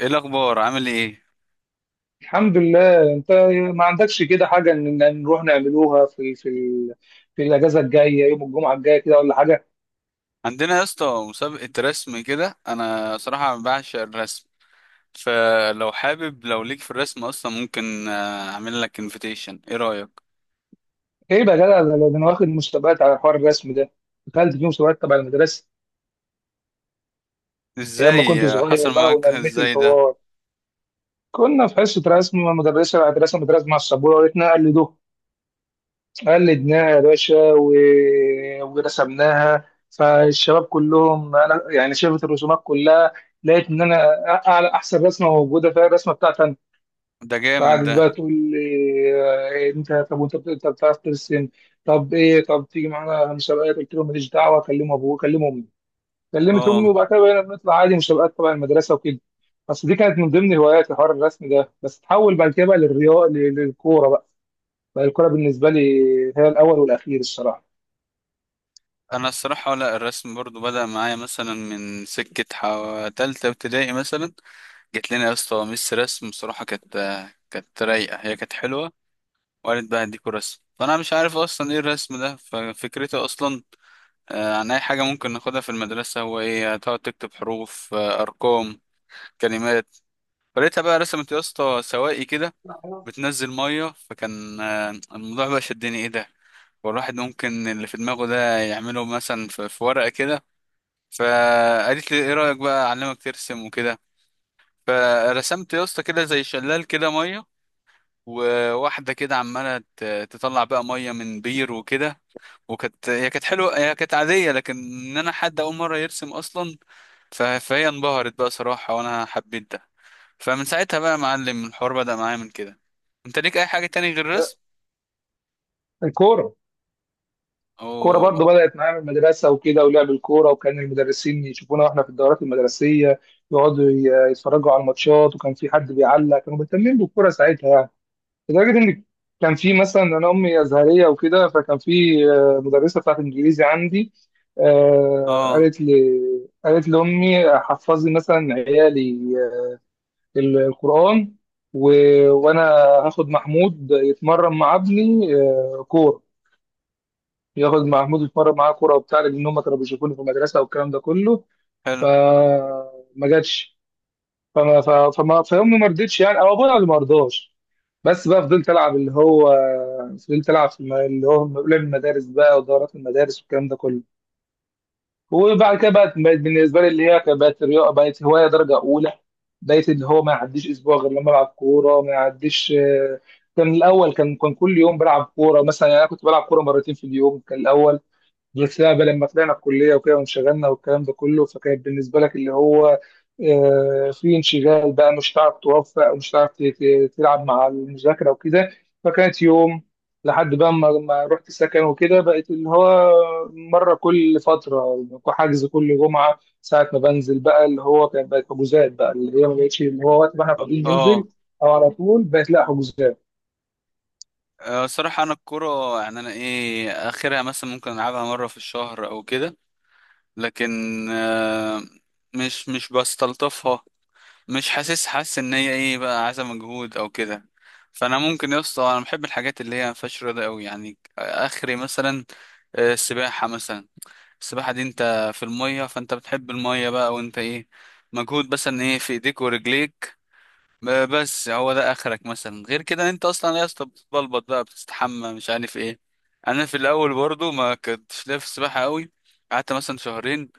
ايه الاخبار؟ عامل ايه؟ الحمد لله. انت ما عندكش كده حاجه ان نروح نعملوها في في الاجازه الجايه، يوم الجمعه الجايه كده ولا حاجه؟ عندنا يا اسطى مسابقه رسم كده. انا صراحه بعشق الرسم، فلو حابب، لو ليك في الرسم اصلا، ممكن اعمل لك انفيتيشن. ايه رايك؟ ايه بقى يا جدع، ده انا واخد مسابقات على حوار الرسم ده. دخلت في مسابقات تبع المدرسه ايام ما كنت ازاي حصل صغير بقى، معاك ونميت ازاي ده؟ الحوار. كنا في حصه رسم مع المدرسه، قاعد رسمت رسمه على السبوره وقالتنا قلدوه. قلدناها يا باشا ورسمناها. فالشباب كلهم انا يعني شافت الرسومات كلها، لقيت ان انا أعلى احسن رسمه موجوده فيها الرسمه بتاعتي. ده جامد ده. بعد بقى تقول لي آه، إيه، انت طب وانت انت بتعرف ترسم؟ طب ايه، طب تيجي معانا مسابقات؟ قلت لهم ماليش دعوه، كلم ابوه كلم امي. كلمت امي اه. وبعد كده بقينا بنطلع عادي مسابقات تبع المدرسه وكده. بس دي كانت من ضمن هواياتي، حوار الرسم ده، بس تحول بعد كده بقى للرياضه، للكوره بقى. بقى الكوره بالنسبه لي هي الاول والاخير الصراحه. انا الصراحه، لا، الرسم برضو بدا معايا مثلا من سكه تالتة ابتدائي مثلا. جت لنا يا اسطى ميس رسم صراحه، كانت رايقه، هي كانت حلوه. وقالت بقى هديكوا رسم، فانا مش عارف اصلا ايه الرسم ده، ففكرته اصلا عن أي حاجة ممكن ناخدها في المدرسة. هو إيه؟ هتقعد تكتب حروف، أرقام، كلمات؟ فلقيتها بقى رسمت يا اسطى سواقي كده بتنزل مية، فكان الموضوع بقى شدني، إيه ده؟ والواحد ممكن اللي في دماغه ده يعمله مثلا في ورقة كده. فقالت لي إيه رأيك بقى أعلمك ترسم وكده. فرسمت يا اسطى كده زي شلال كده مية، وواحدة كده عمالة تطلع بقى مية من بير وكده. وكانت هي كانت حلوة، هي كانت عادية، لكن إن أنا حد أول مرة يرسم أصلا، فهي انبهرت بقى صراحة، وانا حبيت ده. فمن ساعتها بقى يا معلم الحوار بدأ معايا من كده. انت ليك اي حاجة تاني غير ده الرسم؟ الكوره، كورة اوه. برضو بدأت معايا من المدرسة وكده، ولعب الكورة، وكان المدرسين يشوفونا واحنا في الدورات المدرسية، يتفرجوا على الماتشات، وكان في حد بيعلق، كانوا مهتمين بالكورة ساعتها يعني. لدرجة إن كان في مثلا، أنا أمي أزهرية وكده، فكان في مدرسة بتاعت إنجليزي عندي، اه. قالت لي، قالت لأمي حفظي مثلا عيالي آه، القرآن و... وأنا هاخد محمود يتمرن مع ابني كورة. ياخد محمود يتمرن معاه كوره وبتاع، لان هم كانوا بيشوفوني في المدرسه والكلام ده كله. حلو. فما جاتش، فامي ما رضتش يعني، او ابويا اللي ما رضاش. بس بقى فضلت العب اللي هو، فضلت العب في اللي هو لعب المدارس بقى ودورات المدارس والكلام ده كله. وبعد كده بقت بالنسبه لي اللي هي كانت، بقت رياضه، بقت هوايه درجه اولى. بقيت اللي هو ما يعديش اسبوع غير لما العب كوره. ما يعديش، كان الاول، كان كل يوم بلعب كوره مثلا، يعني انا كنت بلعب كوره مرتين في اليوم كان الاول. بس لا بقى لما طلعنا الكليه وكده، وانشغلنا والكلام ده كله، فكانت بالنسبه لك اللي هو في انشغال بقى، مش هتعرف توفق ومش هتعرف تلعب مع المذاكره وكده. فكانت يوم، لحد بقى ما رحت سكن وكده، بقت اللي هو مره كل فتره، حجز كل جمعه ساعه ما بنزل بقى، اللي هو كانت بقت حجوزات بقى، اللي هي ما بقتش اللي هو وقت ما احنا اه. فاضيين آه. ننزل، او على طول بقت لا، حجوزات. آه. صراحة انا الكورة، يعني انا ايه اخرها؟ مثلا ممكن العبها مرة في الشهر او كده. لكن آه، مش بستلطفها. مش حاسس ان هي ايه بقى، عايزة مجهود او كده. فانا ممكن يا اسطى، انا بحب الحاجات اللي هي ما فيهاش رياضة قوي يعني، اخري مثلا السباحة مثلا. السباحة دي انت في المية، فانت بتحب المية بقى، وانت ايه؟ مجهود مثلا ايه في ايديك ورجليك. بس هو ده اخرك مثلا، غير كده انت اصلا يا اسطى بتبلبط بقى، بتستحمى مش عارف ايه. انا في الاول برضو ما كنتش ليا في السباحة قوي. قعدت مثلا شهرين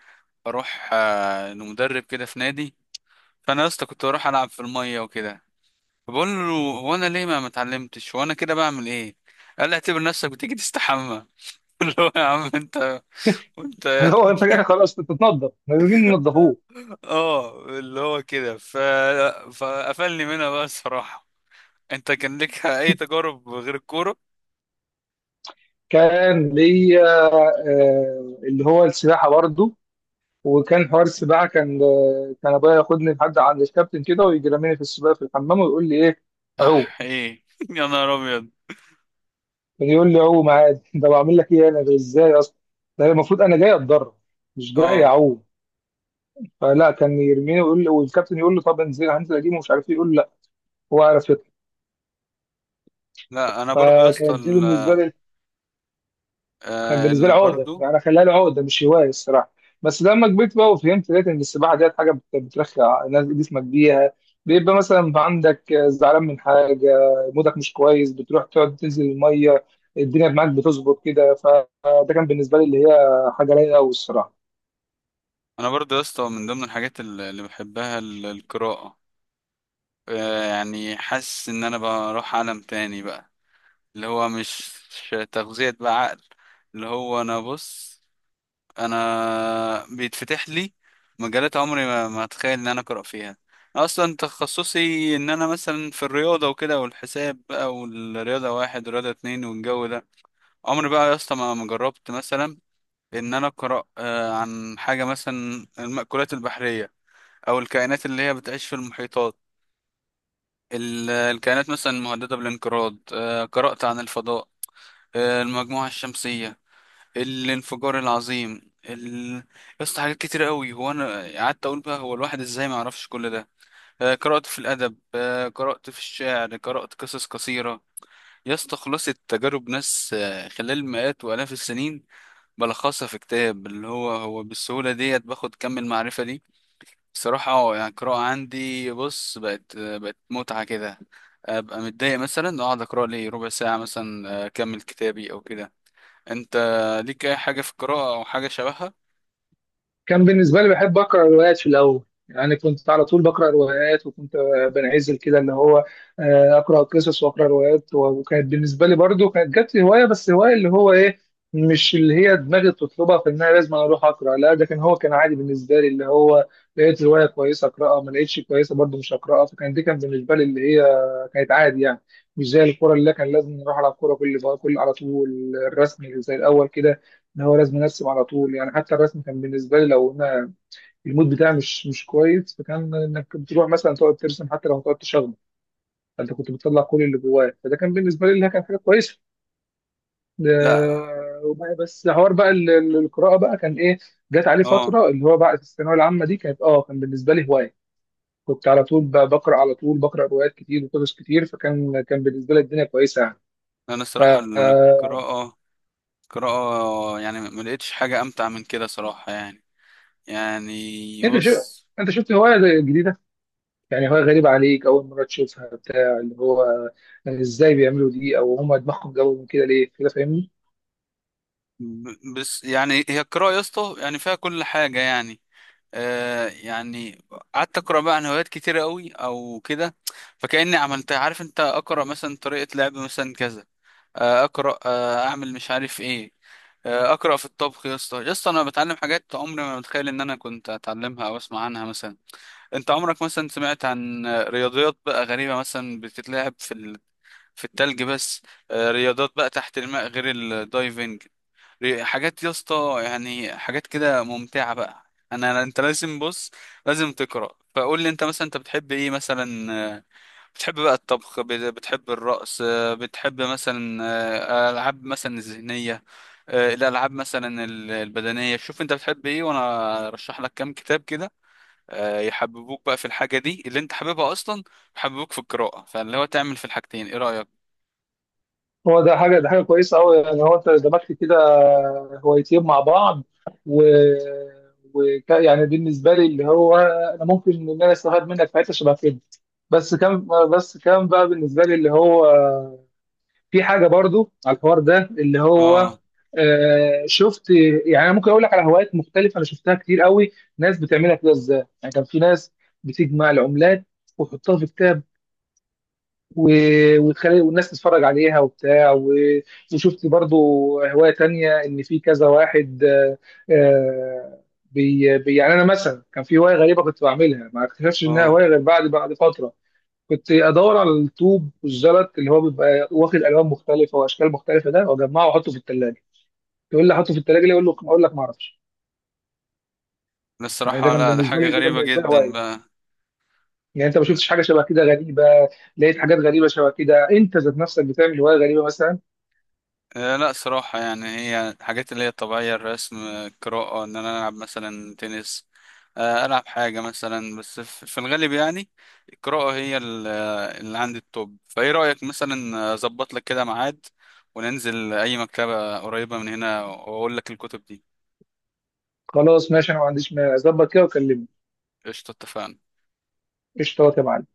اروح لمدرب كده في نادي. فانا يا اسطى كنت بروح العب في المية وكده. فبقول له، هو انا ليه ما اتعلمتش؟ وانا كده بعمل ايه؟ قال لي اعتبر نفسك بتيجي تستحمى. اللي هو يا عم انت، وانت. اللي هو انت جاي خلاص تتنضف، لازم ننضفوه. اه، اللي هو كده. فقفلني منها بقى الصراحة. انت كان لك اي تجارب غير الكورة؟ كان ليا اللي هو السباحة برضه. وكان حوار السباحة كان، كان أبويا ياخدني لحد عند الكابتن كده، ويجي راميني في السباحة في الحمام ويقول لي إيه، عوم. اح، ايه يا نهار ابيض. كان يقول لي عوم عادي. ده بعمل لك إيه أنا، ده إزاي أصلا؟ ده المفروض أنا جاي أتدرب، مش جاي اه. أعوم. فلا، كان يرميني ويقول لي، والكابتن يقول له طب انزل هنزل أجيبه ومش عارف إيه، يقول له لا، هو عارف يطلع. لا انا برضو يا اسطى فكانت دي بالنسبة لي، كان بالنسبه لي عقده برضو. يعني، انا خليها لي عقده مش هوايه الصراحه. بس لما كبرت بقى وفهمت، لقيت ان السباحه ديت حاجه بترخي جسمك بيها. بيبقى مثلا عندك زعلان من حاجه، مودك مش كويس، بتروح تقعد تنزل الميه، الدنيا معاك بتظبط كده، فده كان بالنسبه لي اللي هي حاجه رايقه قوي الصراحه. انا برضو يا اسطى من ضمن الحاجات اللي بحبها القراءة. يعني حاسس ان انا بروح عالم تاني بقى، اللي هو مش تغذية بقى عقل. اللي هو انا بص، انا بيتفتح لي مجالات عمري ما اتخيل ان انا اقرا فيها اصلا. تخصصي ان انا مثلا في الرياضه وكده، والحساب بقى، والرياضه واحد ورياضه اتنين، والجو ده. عمري بقى يا اسطى ما جربت مثلا ان انا اقرا عن حاجه مثلا المأكولات البحريه، او الكائنات اللي هي بتعيش في المحيطات، الكائنات مثلا المهدده بالانقراض. قرات عن الفضاء، المجموعه الشمسيه، الانفجار العظيم يا اسطى، حاجات كتير قوي. هو انا قعدت اقول بقى، هو الواحد ازاي ما يعرفش كل ده؟ قرأت في الادب، قرأت في الشعر، قرأت قصص قصيرة. يا اسطى خلاصة تجارب ناس خلال مئات والاف السنين بلخصها في كتاب، اللي هو هو بالسهولة ديت باخد كم المعرفة دي صراحة. يعني القراءة عندي، بص، بقت بقت متعة كده. ابقى متضايق مثلا اقعد اقرا لي ربع ساعة مثلا، اكمل كتابي او كده. انت ليك اي حاجة في القراءة او حاجة شبهها؟ كان بالنسبة لي بحب أقرأ روايات في الأول، يعني كنت على طول بقرأ روايات، وكنت بنعزل كده اللي هو، أقرأ قصص وأقرأ روايات، وكانت بالنسبة لي برضو كانت جت لي هواية، بس هواية اللي هو إيه، مش اللي هي دماغي بتطلبها في إن أنا لازم أنا أروح أقرأ، لا، ده كان، هو كان عادي بالنسبة لي اللي هو، لقيت رواية كويسة أقرأها، ما لقيتش كويسة برضو مش هقرأها. فكان دي كان بالنسبة لي اللي هي كانت عادي يعني. مش زي الكورة اللي كان لازم نروح على الكورة كل على طول، الرسم اللي زي الأول كده ان هو لازم ارسم على طول يعني. حتى الرسم كان بالنسبه لي لو انا المود بتاعي مش كويس، فكان انك بتروح مثلا تقعد ترسم حتى لو تقعد تشخبط، فانت كنت بتطلع كل اللي جواك، فده كان بالنسبه لي اللي كان حاجه كويسه. لا. وبقى بس حوار بقى القراءه بقى كان ايه، جات عليه اه. فتره اللي هو بعد الثانويه العامه دي، كانت كان بالنسبه لي هوايه، كنت على طول بقرا، على طول بقرا روايات كتير وقصص كتير، فكان، كان بالنسبه لي الدنيا كويسه يعني. انا الصراحة فانت القراءة، يعني ما لقيتش حاجة امتع من كده صراحة يعني. يعني شفت، انت شو، بص، انت شفت هوايه جديده يعني، هو غريب عليك أول مرة تشوفها بتاع اللي هو، يعني إزاي بيعملوا دي، أو هما دماغهم جابوا من كده ليه كده، فاهمني؟ بس يعني هي القراءة يا اسطى يعني فيها كل حاجة يعني. يعني قعدت اقرا بقى عن هوايات كتيرة قوي او كده. فكأني عملت، عارف انت، اقرا مثلا طريقة لعب مثلا كذا، اقرا، اعمل مش عارف ايه. اقرا في الطبخ، يا اسطى يا اسطى انا بتعلم حاجات عمري ما متخيل ان انا كنت اتعلمها او اسمع عنها مثلا. انت عمرك مثلا سمعت عن رياضيات بقى غريبه مثلا بتتلعب في في التلج بس؟ رياضات بقى تحت الماء غير الدايفنج؟ حاجات يا اسطى، يعني حاجات كده ممتعه بقى. انا، انت لازم بص، لازم تقرا. فقول لي انت مثلا، انت بتحب ايه مثلا؟ بتحب بقى الطبخ؟ بتحب الرقص؟ بتحب مثلا العاب مثلا الذهنيه؟ الالعاب مثلا البدنيه؟ شوف انت بتحب ايه وانا ارشح لك كام كتاب كده يحببوك بقى في الحاجه دي اللي انت حاببها اصلا، يحببوك في القراءه، فاللي هو تعمل في الحاجتين. ايه رايك؟ هو ده حاجة، ده حاجة كويسة أوي، يعني هو أنت دمجت كده هوايتين مع بعض، و وك يعني بالنسبة لي اللي هو أنا ممكن إن أنا أستفاد منك في حتة شبه كده. بس كان، بس كان بقى بالنسبة لي اللي هو في حاجه برضو على الحوار ده اللي هو، اه. شفت يعني، انا ممكن اقول لك على هوايات مختلفه انا شفتها كتير قوي، ناس بتعملها كده ازاي. يعني كان في ناس بتجمع العملات وتحطها في كتاب، وتخلي والناس تتفرج عليها وبتاع وشفت برضو هوايه تانية، ان في كذا واحد آه، يعني انا مثلا كان في هوايه غريبه كنت بعملها، ما اكتشفتش انها اه. هوايه غير بعد فتره. كنت ادور على الطوب والزلط اللي هو بيبقى واخد الوان مختلفه واشكال مختلفه ده، واجمعه واحطه في الثلاجه. تقول لي احطه في الثلاجه ليه، اقول له، اقول لك ما اعرفش. ده يعني ده الصراحه، كان لا ده بالنسبه حاجه لي، ده كان غريبه بالنسبه لي جدا هوايه. بقى. يعني انت ما شفتش حاجه شبه كده غريبه؟ لقيت حاجات غريبه شبه كده؟ انت ذات نفسك بتعمل هوايه غريبه مثلا؟ لا صراحة، يعني هي الحاجات اللي هي الطبيعية، الرسم، القراءة، إن أنا ألعب مثلا تنس، ألعب حاجة مثلا. بس في الغالب يعني القراءة هي اللي عندي التوب. فإيه رأيك مثلا أظبط لك كده ميعاد وننزل أي مكتبة قريبة من هنا وأقول لك الكتب دي؟ خلاص ماشي، انا ما عنديش، ما اظبط كده وكلمني. قشطة، اتفقنا. قشطه يا معلم.